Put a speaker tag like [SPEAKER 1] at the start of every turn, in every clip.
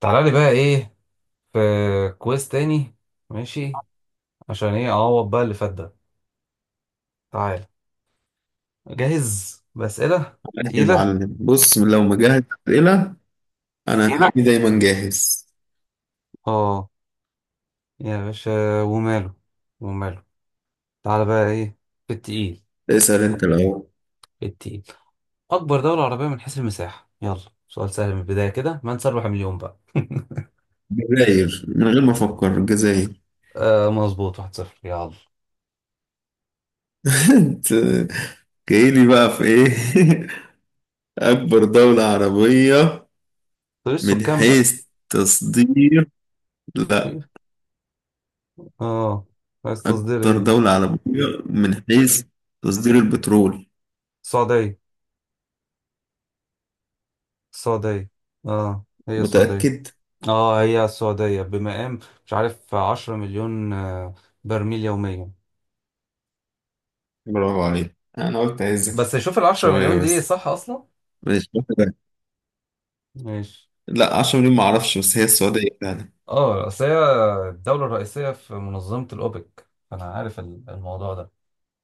[SPEAKER 1] تعالى لي بقى ايه؟ في. كويس. تاني. ماشي. عشان ايه اعوض بقى اللي فات ده؟ تعالى. جاهز بأسئلة
[SPEAKER 2] ماشي يا
[SPEAKER 1] تقيلة.
[SPEAKER 2] معلم، بص لو مجهز أسئلة. أنا أسئلة هتلاقيني دايما جاهز.
[SPEAKER 1] اه يا باشا، وماله وماله. تعالى بقى ايه في التقيل؟
[SPEAKER 2] اسأل أنت الأول.
[SPEAKER 1] التقيل، اكبر دولة عربية من حيث المساحة؟ يلا، سؤال سهل من البداية كده من سيربح مليون بقى.
[SPEAKER 2] جزاير، من غير ما أفكر الجزاير
[SPEAKER 1] آه مظبوط، 1-0. يلا،
[SPEAKER 2] أنت جايلي بقى في إيه؟ أكبر دولة عربية
[SPEAKER 1] طيب
[SPEAKER 2] من
[SPEAKER 1] السكان بقى.
[SPEAKER 2] حيث تصدير. لا،
[SPEAKER 1] اه، عايز تصدير
[SPEAKER 2] أكتر
[SPEAKER 1] ايه؟
[SPEAKER 2] دولة عربية من حيث تصدير البترول.
[SPEAKER 1] السعودية، السعودية. اه هي السعودية.
[SPEAKER 2] متأكد؟
[SPEAKER 1] اه هي السعودية بمقام، مش عارف 10 مليون برميل يوميا.
[SPEAKER 2] برافو عليك، أنا قلت أهزك
[SPEAKER 1] بس شوف العشرة
[SPEAKER 2] شوية
[SPEAKER 1] مليون دي
[SPEAKER 2] بس.
[SPEAKER 1] صح أصلا؟
[SPEAKER 2] ماشي واحدة.
[SPEAKER 1] ماشي.
[SPEAKER 2] لا، 10 مليون معرفش، بس هي السعودية فعلا.
[SPEAKER 1] اه اصل هي الدولة الرئيسية في منظمة الأوبك، فأنا عارف الموضوع ده.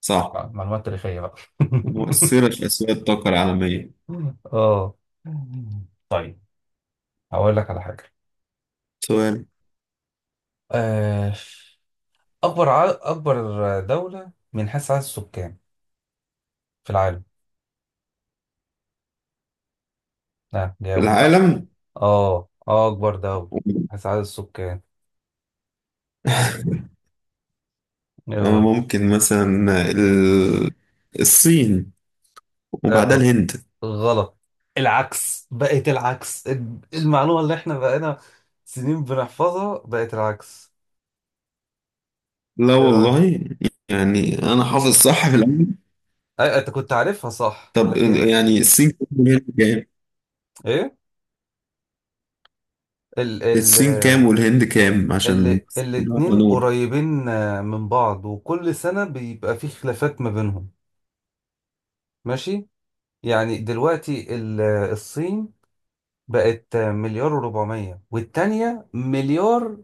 [SPEAKER 2] صح،
[SPEAKER 1] معلومات تاريخية بقى.
[SPEAKER 2] ومؤثرة في أسواق الطاقة العالمية.
[SPEAKER 1] اه، طيب، هقول لك على حاجة.
[SPEAKER 2] سؤال.
[SPEAKER 1] آه، أكبر أكبر دولة من حيث عدد السكان في العالم؟ ها، جاوب بقى.
[SPEAKER 2] العالم.
[SPEAKER 1] اه اه، أكبر دولة من حيث عدد السكان، يلا.
[SPEAKER 2] ممكن مثلا الصين وبعدها
[SPEAKER 1] آه،
[SPEAKER 2] الهند.
[SPEAKER 1] غلط، العكس، بقت العكس. المعلومة اللي احنا بقينا سنين بنحفظها بقت العكس.
[SPEAKER 2] لا
[SPEAKER 1] ايه رأيك؟
[SPEAKER 2] والله، يعني أنا حافظ صح في الأول.
[SPEAKER 1] انت كنت عارفها صح،
[SPEAKER 2] طب
[SPEAKER 1] لكن
[SPEAKER 2] يعني الصين كام والهند كام؟
[SPEAKER 1] ايه؟ ال ال
[SPEAKER 2] الصين كام والهند كام عشان بس نبقى
[SPEAKER 1] الاتنين
[SPEAKER 2] نور.
[SPEAKER 1] قريبين من بعض، وكل سنة بيبقى في خلافات ما بينهم. ماشي. يعني دلوقتي الصين بقت مليار وربعمية، والتانية مليار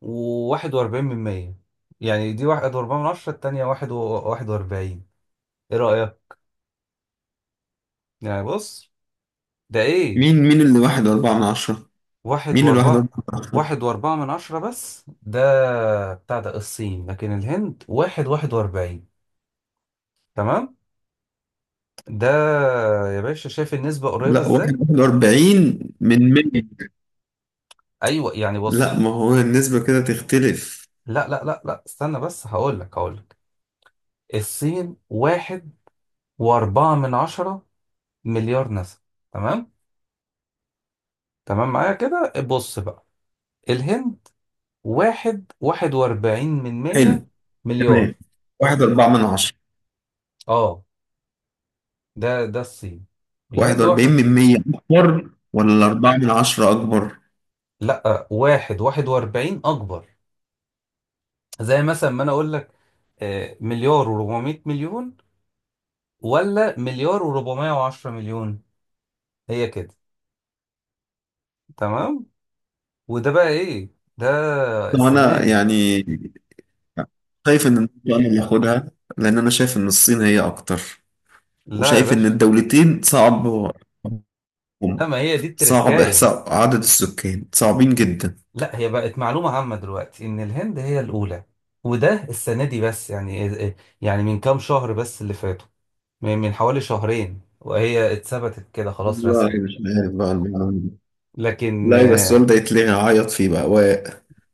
[SPEAKER 1] وواحد وأربعين من مية. يعني دي واحد وأربعين من عشرة، التانية واحد وواحد وأربعين. ايه رأيك؟ يعني بص، ده ايه؟
[SPEAKER 2] مين اللي واحد أربعة من عشرة؟
[SPEAKER 1] واحد
[SPEAKER 2] مين الواحد أربعة
[SPEAKER 1] واربعة.
[SPEAKER 2] من عشرة؟
[SPEAKER 1] واحد واربعة من عشرة، بس ده بتاع ده الصين، لكن الهند واحد واحد واربعين. تمام. ده يا باشا، شايف النسبة قريبة
[SPEAKER 2] لا،
[SPEAKER 1] ازاي؟
[SPEAKER 2] واحد واحد وأربعين من مية.
[SPEAKER 1] ايوه، يعني
[SPEAKER 2] لا،
[SPEAKER 1] بص.
[SPEAKER 2] ما هو النسبة كده تختلف.
[SPEAKER 1] لا لا لا لا، استنى بس، هقولك. الصين واحد واربعة من عشرة مليار نسمة، تمام؟ تمام معايا كده، بص بقى، الهند واحد واحد واربعين من
[SPEAKER 2] حلو.
[SPEAKER 1] مية مليار.
[SPEAKER 2] تمام. واحد أربعة من عشرة.
[SPEAKER 1] اه، ده الصين، الهند واحدة.
[SPEAKER 2] 41 من 100 أكبر ولا 4 من 10 أكبر؟
[SPEAKER 1] لا، واحد واحد واربعين أكبر. زي مثلا ما أنا أقول لك مليار وربعمية مليون، ولا مليار وربعمية وعشرة مليون. هي كده. تمام. وده بقى إيه؟ ده
[SPEAKER 2] طبعا
[SPEAKER 1] السنة
[SPEAKER 2] أنا
[SPEAKER 1] دي.
[SPEAKER 2] يعني شايف إن النقطة أنا اللي هاخدها، لأن أنا شايف إن الصين هي أكتر،
[SPEAKER 1] لا يا
[SPEAKER 2] وشايف إن
[SPEAKER 1] باشا،
[SPEAKER 2] الدولتين صعب
[SPEAKER 1] لا ما هي دي
[SPEAKER 2] صعب
[SPEAKER 1] التركاية.
[SPEAKER 2] إحصاء عدد السكان صعبين جدا.
[SPEAKER 1] لا، هي بقت معلومة عامة دلوقتي إن الهند هي الأولى، وده السنة دي بس، يعني يعني من كام شهر بس اللي فاتوا، من حوالي شهرين، وهي اتثبتت كده خلاص
[SPEAKER 2] والله
[SPEAKER 1] رسمي.
[SPEAKER 2] مش عارف بقى المعلومة دي.
[SPEAKER 1] لكن
[SPEAKER 2] لا بس السؤال ده يتلغي، عيط فيه بقى و...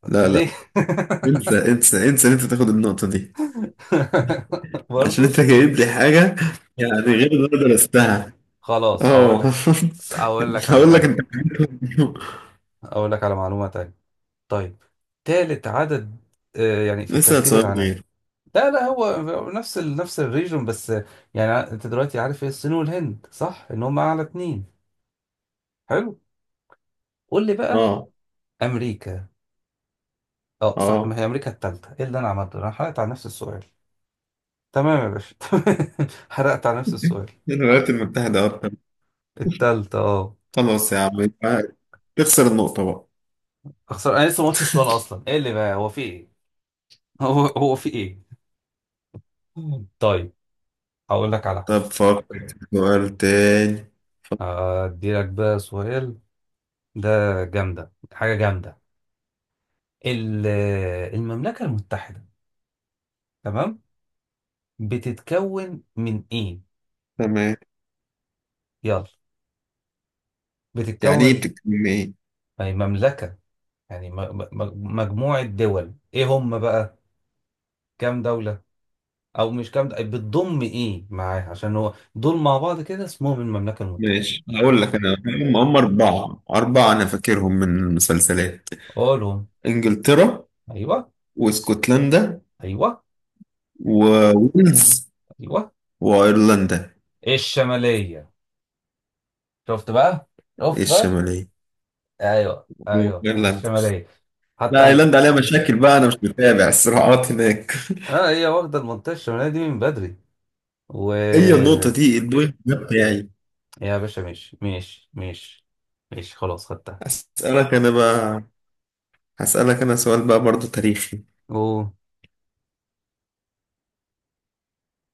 [SPEAKER 2] لا،
[SPEAKER 1] ليه؟
[SPEAKER 2] لا، انسى انسى انسى ان انت تاخد النقطة دي، عشان انت
[SPEAKER 1] برضو.
[SPEAKER 2] جايب لي حاجة يعني غير اللي انا درستها.
[SPEAKER 1] خلاص
[SPEAKER 2] اه.
[SPEAKER 1] هقول لك، على
[SPEAKER 2] هقول لك انت.
[SPEAKER 1] حاجة، هقول لك على معلومة تانية. طيب، تالت عدد يعني في
[SPEAKER 2] اسال
[SPEAKER 1] الترتيب
[SPEAKER 2] سؤال
[SPEAKER 1] العالمي.
[SPEAKER 2] غير.
[SPEAKER 1] لا لا، هو نفس الريجون، بس يعني انت دلوقتي عارف ايه الصين والهند، صح ان هم اعلى اتنين. حلو، قول لي بقى.
[SPEAKER 2] اه.
[SPEAKER 1] امريكا. اه صح، ما
[SPEAKER 2] اه.
[SPEAKER 1] هي امريكا التالتة. ايه اللي انا عملته؟ انا حرقت على نفس السؤال. تمام يا باشا، تمام، حرقت على نفس السؤال.
[SPEAKER 2] الولايات المتحدة أكتر.
[SPEAKER 1] التالتة، اه.
[SPEAKER 2] خلاص يا عم، يبقى تخسر النقطة بقى.
[SPEAKER 1] اخسر؟ انا لسه ما قلتش السؤال اصلا، ايه اللي بقى هو في ايه؟ هو في ايه؟ طيب، هقول لك على
[SPEAKER 2] طب
[SPEAKER 1] حاجه.
[SPEAKER 2] فكر في سؤال تاني، فكر-
[SPEAKER 1] ادي لك بقى سؤال، ده جامده، حاجه جامده. ال- المملكه المتحده، تمام، بتتكون من ايه؟
[SPEAKER 2] تمام.
[SPEAKER 1] يلا،
[SPEAKER 2] يعني ايه،
[SPEAKER 1] بتتكون،
[SPEAKER 2] بتتكلم ايه؟
[SPEAKER 1] يعني مملكه، يعني مجموعه دول، ايه هم بقى؟ كام دوله؟ او مش كام دوله، بتضم ايه معاها؟ عشان هو دول مع بعض كده اسمهم المملكه المتحده.
[SPEAKER 2] ماشي، هقول لك انا هم أربعة، أنا فاكرهم من المسلسلات.
[SPEAKER 1] قولهم.
[SPEAKER 2] إنجلترا،
[SPEAKER 1] ايوه.
[SPEAKER 2] واسكتلندا،
[SPEAKER 1] ايوه.
[SPEAKER 2] وويلز،
[SPEAKER 1] ايوه.
[SPEAKER 2] وأيرلندا
[SPEAKER 1] الشمالية. شفت بقى، شفت بقى.
[SPEAKER 2] الشمالية.
[SPEAKER 1] ايوه ايوه،
[SPEAKER 2] إيرلندا.
[SPEAKER 1] الشمالية. حتى
[SPEAKER 2] لا،
[SPEAKER 1] عن...
[SPEAKER 2] ايرلندا عليها مشاكل بقى، انا مش متابع الصراعات هناك.
[SPEAKER 1] اه، هي واخدة المنطقة الشمالية دي من بدري. و،
[SPEAKER 2] هي النقطة دي، البوينت ده بتاعي.
[SPEAKER 1] يا باشا ماشي ماشي ماشي، ماشي خلاص، خدتها.
[SPEAKER 2] هسألك انا بقى. هسألك انا سؤال بقى برضو تاريخي.
[SPEAKER 1] قول،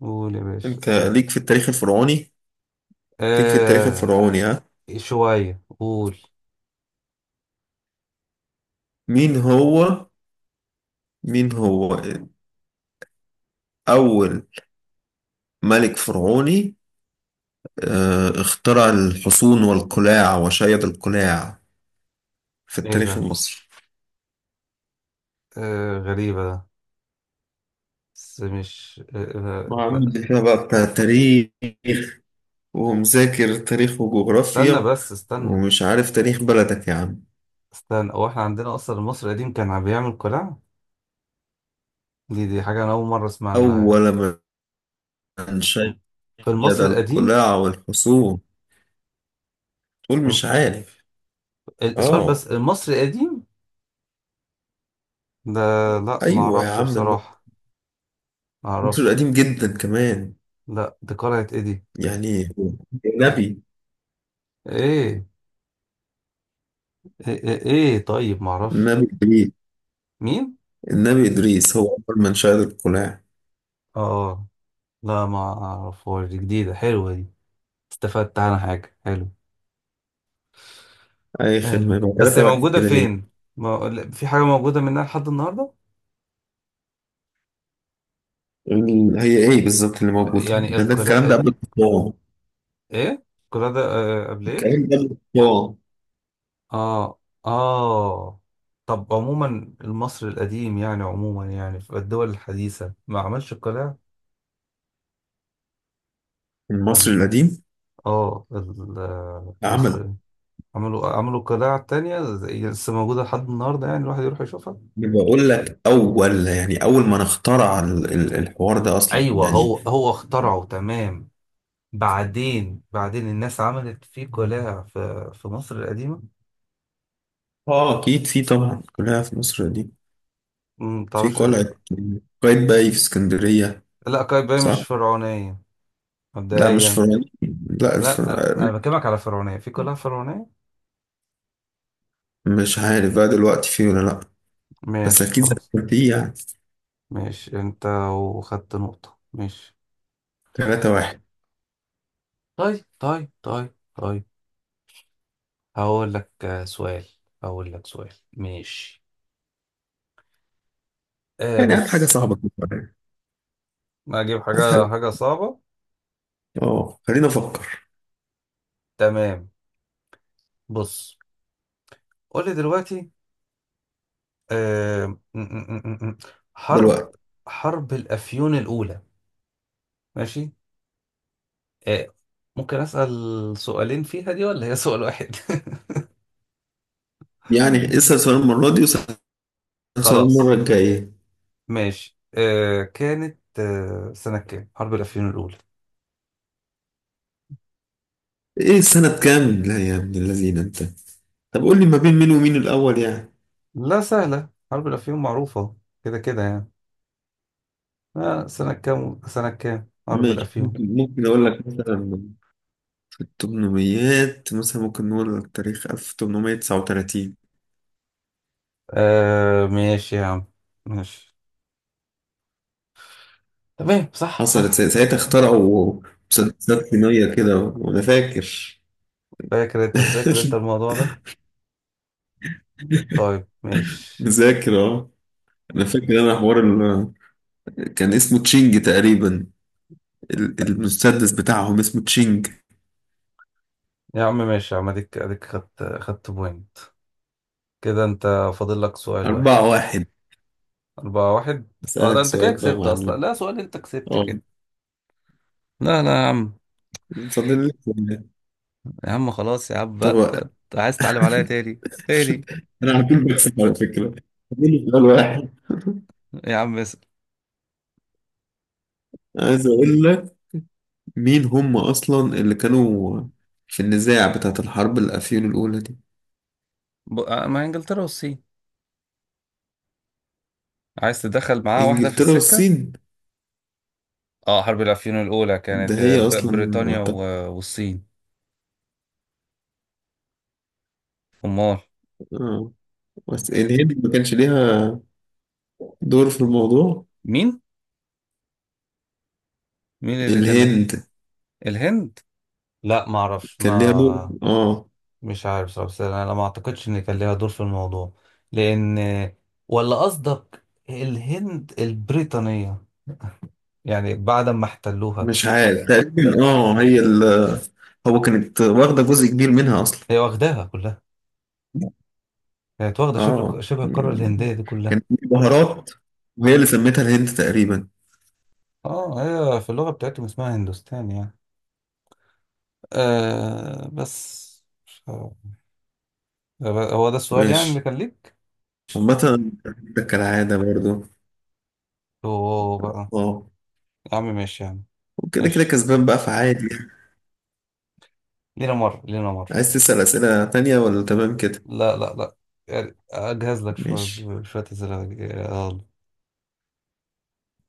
[SPEAKER 1] قول يا باشا،
[SPEAKER 2] انت
[SPEAKER 1] قول.
[SPEAKER 2] ليك في التاريخ الفرعوني. ليك في التاريخ
[SPEAKER 1] آه،
[SPEAKER 2] الفرعوني، ها؟
[SPEAKER 1] شوية، قول.
[SPEAKER 2] مين هو مين هو اول ملك فرعوني اخترع الحصون والقلاع وشيد القلاع في
[SPEAKER 1] ايه
[SPEAKER 2] التاريخ
[SPEAKER 1] ده؟
[SPEAKER 2] المصري؟
[SPEAKER 1] آه، غريبة ده، بس مش
[SPEAKER 2] وعامل لي فيها بقى بتاع تاريخ، ومذاكر تاريخ
[SPEAKER 1] استنى
[SPEAKER 2] وجغرافيا،
[SPEAKER 1] بس، استنى.
[SPEAKER 2] ومش عارف تاريخ بلدك يا عم.
[SPEAKER 1] استنى، هو احنا عندنا اصلا المصري القديم كان عم بيعمل قلاع؟ دي حاجة انا اول مرة اسمع عنها
[SPEAKER 2] أول من شيد
[SPEAKER 1] في المصري القديم.
[SPEAKER 2] القلاع والحصون، تقول مش عارف.
[SPEAKER 1] السؤال
[SPEAKER 2] آه.
[SPEAKER 1] بس المصري القديم ده؟ لا ما
[SPEAKER 2] أيوة يا
[SPEAKER 1] اعرفش
[SPEAKER 2] عم،
[SPEAKER 1] بصراحة، ما
[SPEAKER 2] مصر
[SPEAKER 1] اعرفش.
[SPEAKER 2] القديم جدا كمان.
[SPEAKER 1] لا، دي قلعة ايه دي؟
[SPEAKER 2] يعني النبي
[SPEAKER 1] ايه ايه ايه, إيه؟ طيب ما اعرفش.
[SPEAKER 2] النبي إدريس.
[SPEAKER 1] مين؟
[SPEAKER 2] النبي إدريس هو أول من شيد القلاع.
[SPEAKER 1] اه، لا ما اعرفهاش، دي جديدة، حلوة دي، استفدت عنها حاجة، حلو.
[SPEAKER 2] أي
[SPEAKER 1] حلو،
[SPEAKER 2] خدمة، يبقى
[SPEAKER 1] بس هي
[SPEAKER 2] تلاتة واحد
[SPEAKER 1] موجودة
[SPEAKER 2] كده ليه.
[SPEAKER 1] فين؟ ما... لا، في حاجة موجودة منها لحد النهاردة؟
[SPEAKER 2] هي إيه بالظبط اللي موجودة
[SPEAKER 1] يعني
[SPEAKER 2] ده، ده
[SPEAKER 1] القلاع
[SPEAKER 2] الكلام ده قبل الطباعة.
[SPEAKER 1] ايه القلاع ده؟ قبل ايه؟
[SPEAKER 2] الكلام ده قبل الطباعة.
[SPEAKER 1] اه. اه. طب عموما مصر القديم، يعني عموما يعني في الدول الحديثة ما عملش قلاع ولا
[SPEAKER 2] المصري
[SPEAKER 1] إيه؟
[SPEAKER 2] القديم
[SPEAKER 1] اه، مصر
[SPEAKER 2] عمل.
[SPEAKER 1] عملوا، قلاع تانية زي لسه موجودة لحد النهاردة، يعني الواحد يروح يشوفها.
[SPEAKER 2] بقول لك أول، يعني أول من اخترع الحوار ده أصلا
[SPEAKER 1] ايوه،
[SPEAKER 2] يعني.
[SPEAKER 1] هو اخترعه، تمام، بعدين، الناس عملت فيه قلاع، في مصر القديمة.
[SPEAKER 2] اه، اكيد في طبعا، كلها في مصر دي.
[SPEAKER 1] ما
[SPEAKER 2] في
[SPEAKER 1] تعرفش.
[SPEAKER 2] قلعة قايتباي في اسكندرية.
[SPEAKER 1] لا، قايتباي مش
[SPEAKER 2] صح؟
[SPEAKER 1] فرعونية
[SPEAKER 2] لا مش
[SPEAKER 1] مبدئيا.
[SPEAKER 2] فرعين. لا،
[SPEAKER 1] لا انا بكلمك على فرعونية، في قلاع فرعونية.
[SPEAKER 2] مش عارف بقى دلوقتي في ولا لا، بس
[SPEAKER 1] ماشي
[SPEAKER 2] اكيد
[SPEAKER 1] خلاص.
[SPEAKER 2] زمان في يعني.
[SPEAKER 1] ماشي انت، وخدت نقطة، ماشي.
[SPEAKER 2] ثلاثة واحد.
[SPEAKER 1] طيب طيب طيب طيب. هقول لك سؤال. هقول لك سؤال، ماشي. آه،
[SPEAKER 2] يعني هات حاجة
[SPEAKER 1] بص.
[SPEAKER 2] صعبة تفكر يعني.
[SPEAKER 1] ما اجيب
[SPEAKER 2] هات
[SPEAKER 1] حاجة،
[SPEAKER 2] حاجة.
[SPEAKER 1] صعبة،
[SPEAKER 2] اه، خلينا افكر.
[SPEAKER 1] تمام. بص، قول لي دلوقتي، آه م- م- م- م- حرب،
[SPEAKER 2] دلوقتي.
[SPEAKER 1] حرب الأفيون الأولى، ماشي. آه، ممكن أسأل سؤالين فيها دي، ولا هي سؤال واحد؟
[SPEAKER 2] يعني اسأل سؤال المرة دي، واسأل سؤال المرة
[SPEAKER 1] خلاص،
[SPEAKER 2] الجاية.
[SPEAKER 1] ماشي. آه، كانت سنة كام حرب الأفيون الأولى؟
[SPEAKER 2] ايه سنة كام؟ لا يا ابن الذين انت. طب قول لي ما بين مين ومين الأول يعني.
[SPEAKER 1] لا سهلة، حرب الأفيون معروفة كده كده يعني. آه سنة كام، حرب
[SPEAKER 2] ماشي،
[SPEAKER 1] الأفيون؟
[SPEAKER 2] ممكن اقول لك مثلا التمنميات، مثلا ممكن نقول التاريخ 1839.
[SPEAKER 1] آه، ماشي يا عم، ماشي. تمام، صح
[SPEAKER 2] حصلت
[SPEAKER 1] صح صح.
[SPEAKER 2] ساعتها اخترعوا مسدسات صينية كده، وأنا فاكر.
[SPEAKER 1] فاكر، أنت مذاكر أنت الموضوع ده. طيب، ماشي.
[SPEAKER 2] مذاكر، اه. أنا فاكر أنا حوار كان اسمه تشينج تقريبا. المسدس بتاعهم اسمه تشينج.
[SPEAKER 1] يا عم ماشي، يا عم أديك، خدت، بوينت كده أنت. فاضل لك سؤال واحد.
[SPEAKER 2] أربعة واحد.
[SPEAKER 1] 4-1، أه. ده
[SPEAKER 2] أسألك
[SPEAKER 1] أنت كده
[SPEAKER 2] سؤال بقى يا
[SPEAKER 1] كسبت أصلا،
[SPEAKER 2] معلم.
[SPEAKER 1] لا سؤال، أنت كسبت
[SPEAKER 2] اه،
[SPEAKER 1] كده. لا لا يا عم.
[SPEAKER 2] فاضل لك سؤال.
[SPEAKER 1] يا عم خلاص، يا عم بقى، أنت،
[SPEAKER 2] طب
[SPEAKER 1] عايز تتعلم عليا تاني تاني؟
[SPEAKER 2] أنا على طول بكسب على فكرة. فاضل لي سؤال واحد.
[SPEAKER 1] يا عم اسأل.
[SPEAKER 2] عايز أقول لك مين هم أصلا اللي كانوا في النزاع بتاعة الحرب الأفيون الأولى دي.
[SPEAKER 1] مع إنجلترا والصين. عايز تدخل معاه واحدة في
[SPEAKER 2] إنجلترا
[SPEAKER 1] السكة.
[SPEAKER 2] والصين.
[SPEAKER 1] اه، حرب العفيون الأولى
[SPEAKER 2] ده
[SPEAKER 1] كانت
[SPEAKER 2] هي أصلا
[SPEAKER 1] بريطانيا
[SPEAKER 2] أعتقد.
[SPEAKER 1] والصين. أمال.
[SPEAKER 2] آه. بس الهند ما كانش ليها دور في الموضوع.
[SPEAKER 1] مين مين اللي كان؟
[SPEAKER 2] الهند
[SPEAKER 1] الهند؟ لا ما اعرفش،
[SPEAKER 2] كان ليها دور،
[SPEAKER 1] ما
[SPEAKER 2] آه.
[SPEAKER 1] مش عارف صراحة، بس انا ما اعتقدش ان كان ليها دور في الموضوع، لان، ولا قصدك الهند البريطانية يعني بعد ما احتلوها؟
[SPEAKER 2] مش عارف تقريبا، آه هي ال هو كانت واخدة جزء كبير منها أصلا.
[SPEAKER 1] هي واخداها كلها، كانت واخدة شبه شبه القارة
[SPEAKER 2] يعني
[SPEAKER 1] الهندية دي كلها.
[SPEAKER 2] كانت بهارات، وهي اللي سميتها الهند تقريبا.
[SPEAKER 1] اه، هي في اللغة بتاعتهم اسمها هندوستان، يعني آه بس. هو ده السؤال يعني
[SPEAKER 2] ماشي،
[SPEAKER 1] اللي كان ليك.
[SPEAKER 2] عامة ده كالعادة برضو.
[SPEAKER 1] هو بقى،
[SPEAKER 2] اه،
[SPEAKER 1] يا عم ماشي، يا عم
[SPEAKER 2] وكده كده
[SPEAKER 1] ماشي.
[SPEAKER 2] كسبان بقى، فعادي يعني.
[SPEAKER 1] لينا مرة، لينا مرة.
[SPEAKER 2] عايز تسأل أسئلة تانية ولا تمام كده؟
[SPEAKER 1] لا لا لا، يعني أجهز لك شوية،
[SPEAKER 2] ماشي.
[SPEAKER 1] شوية أسئلة.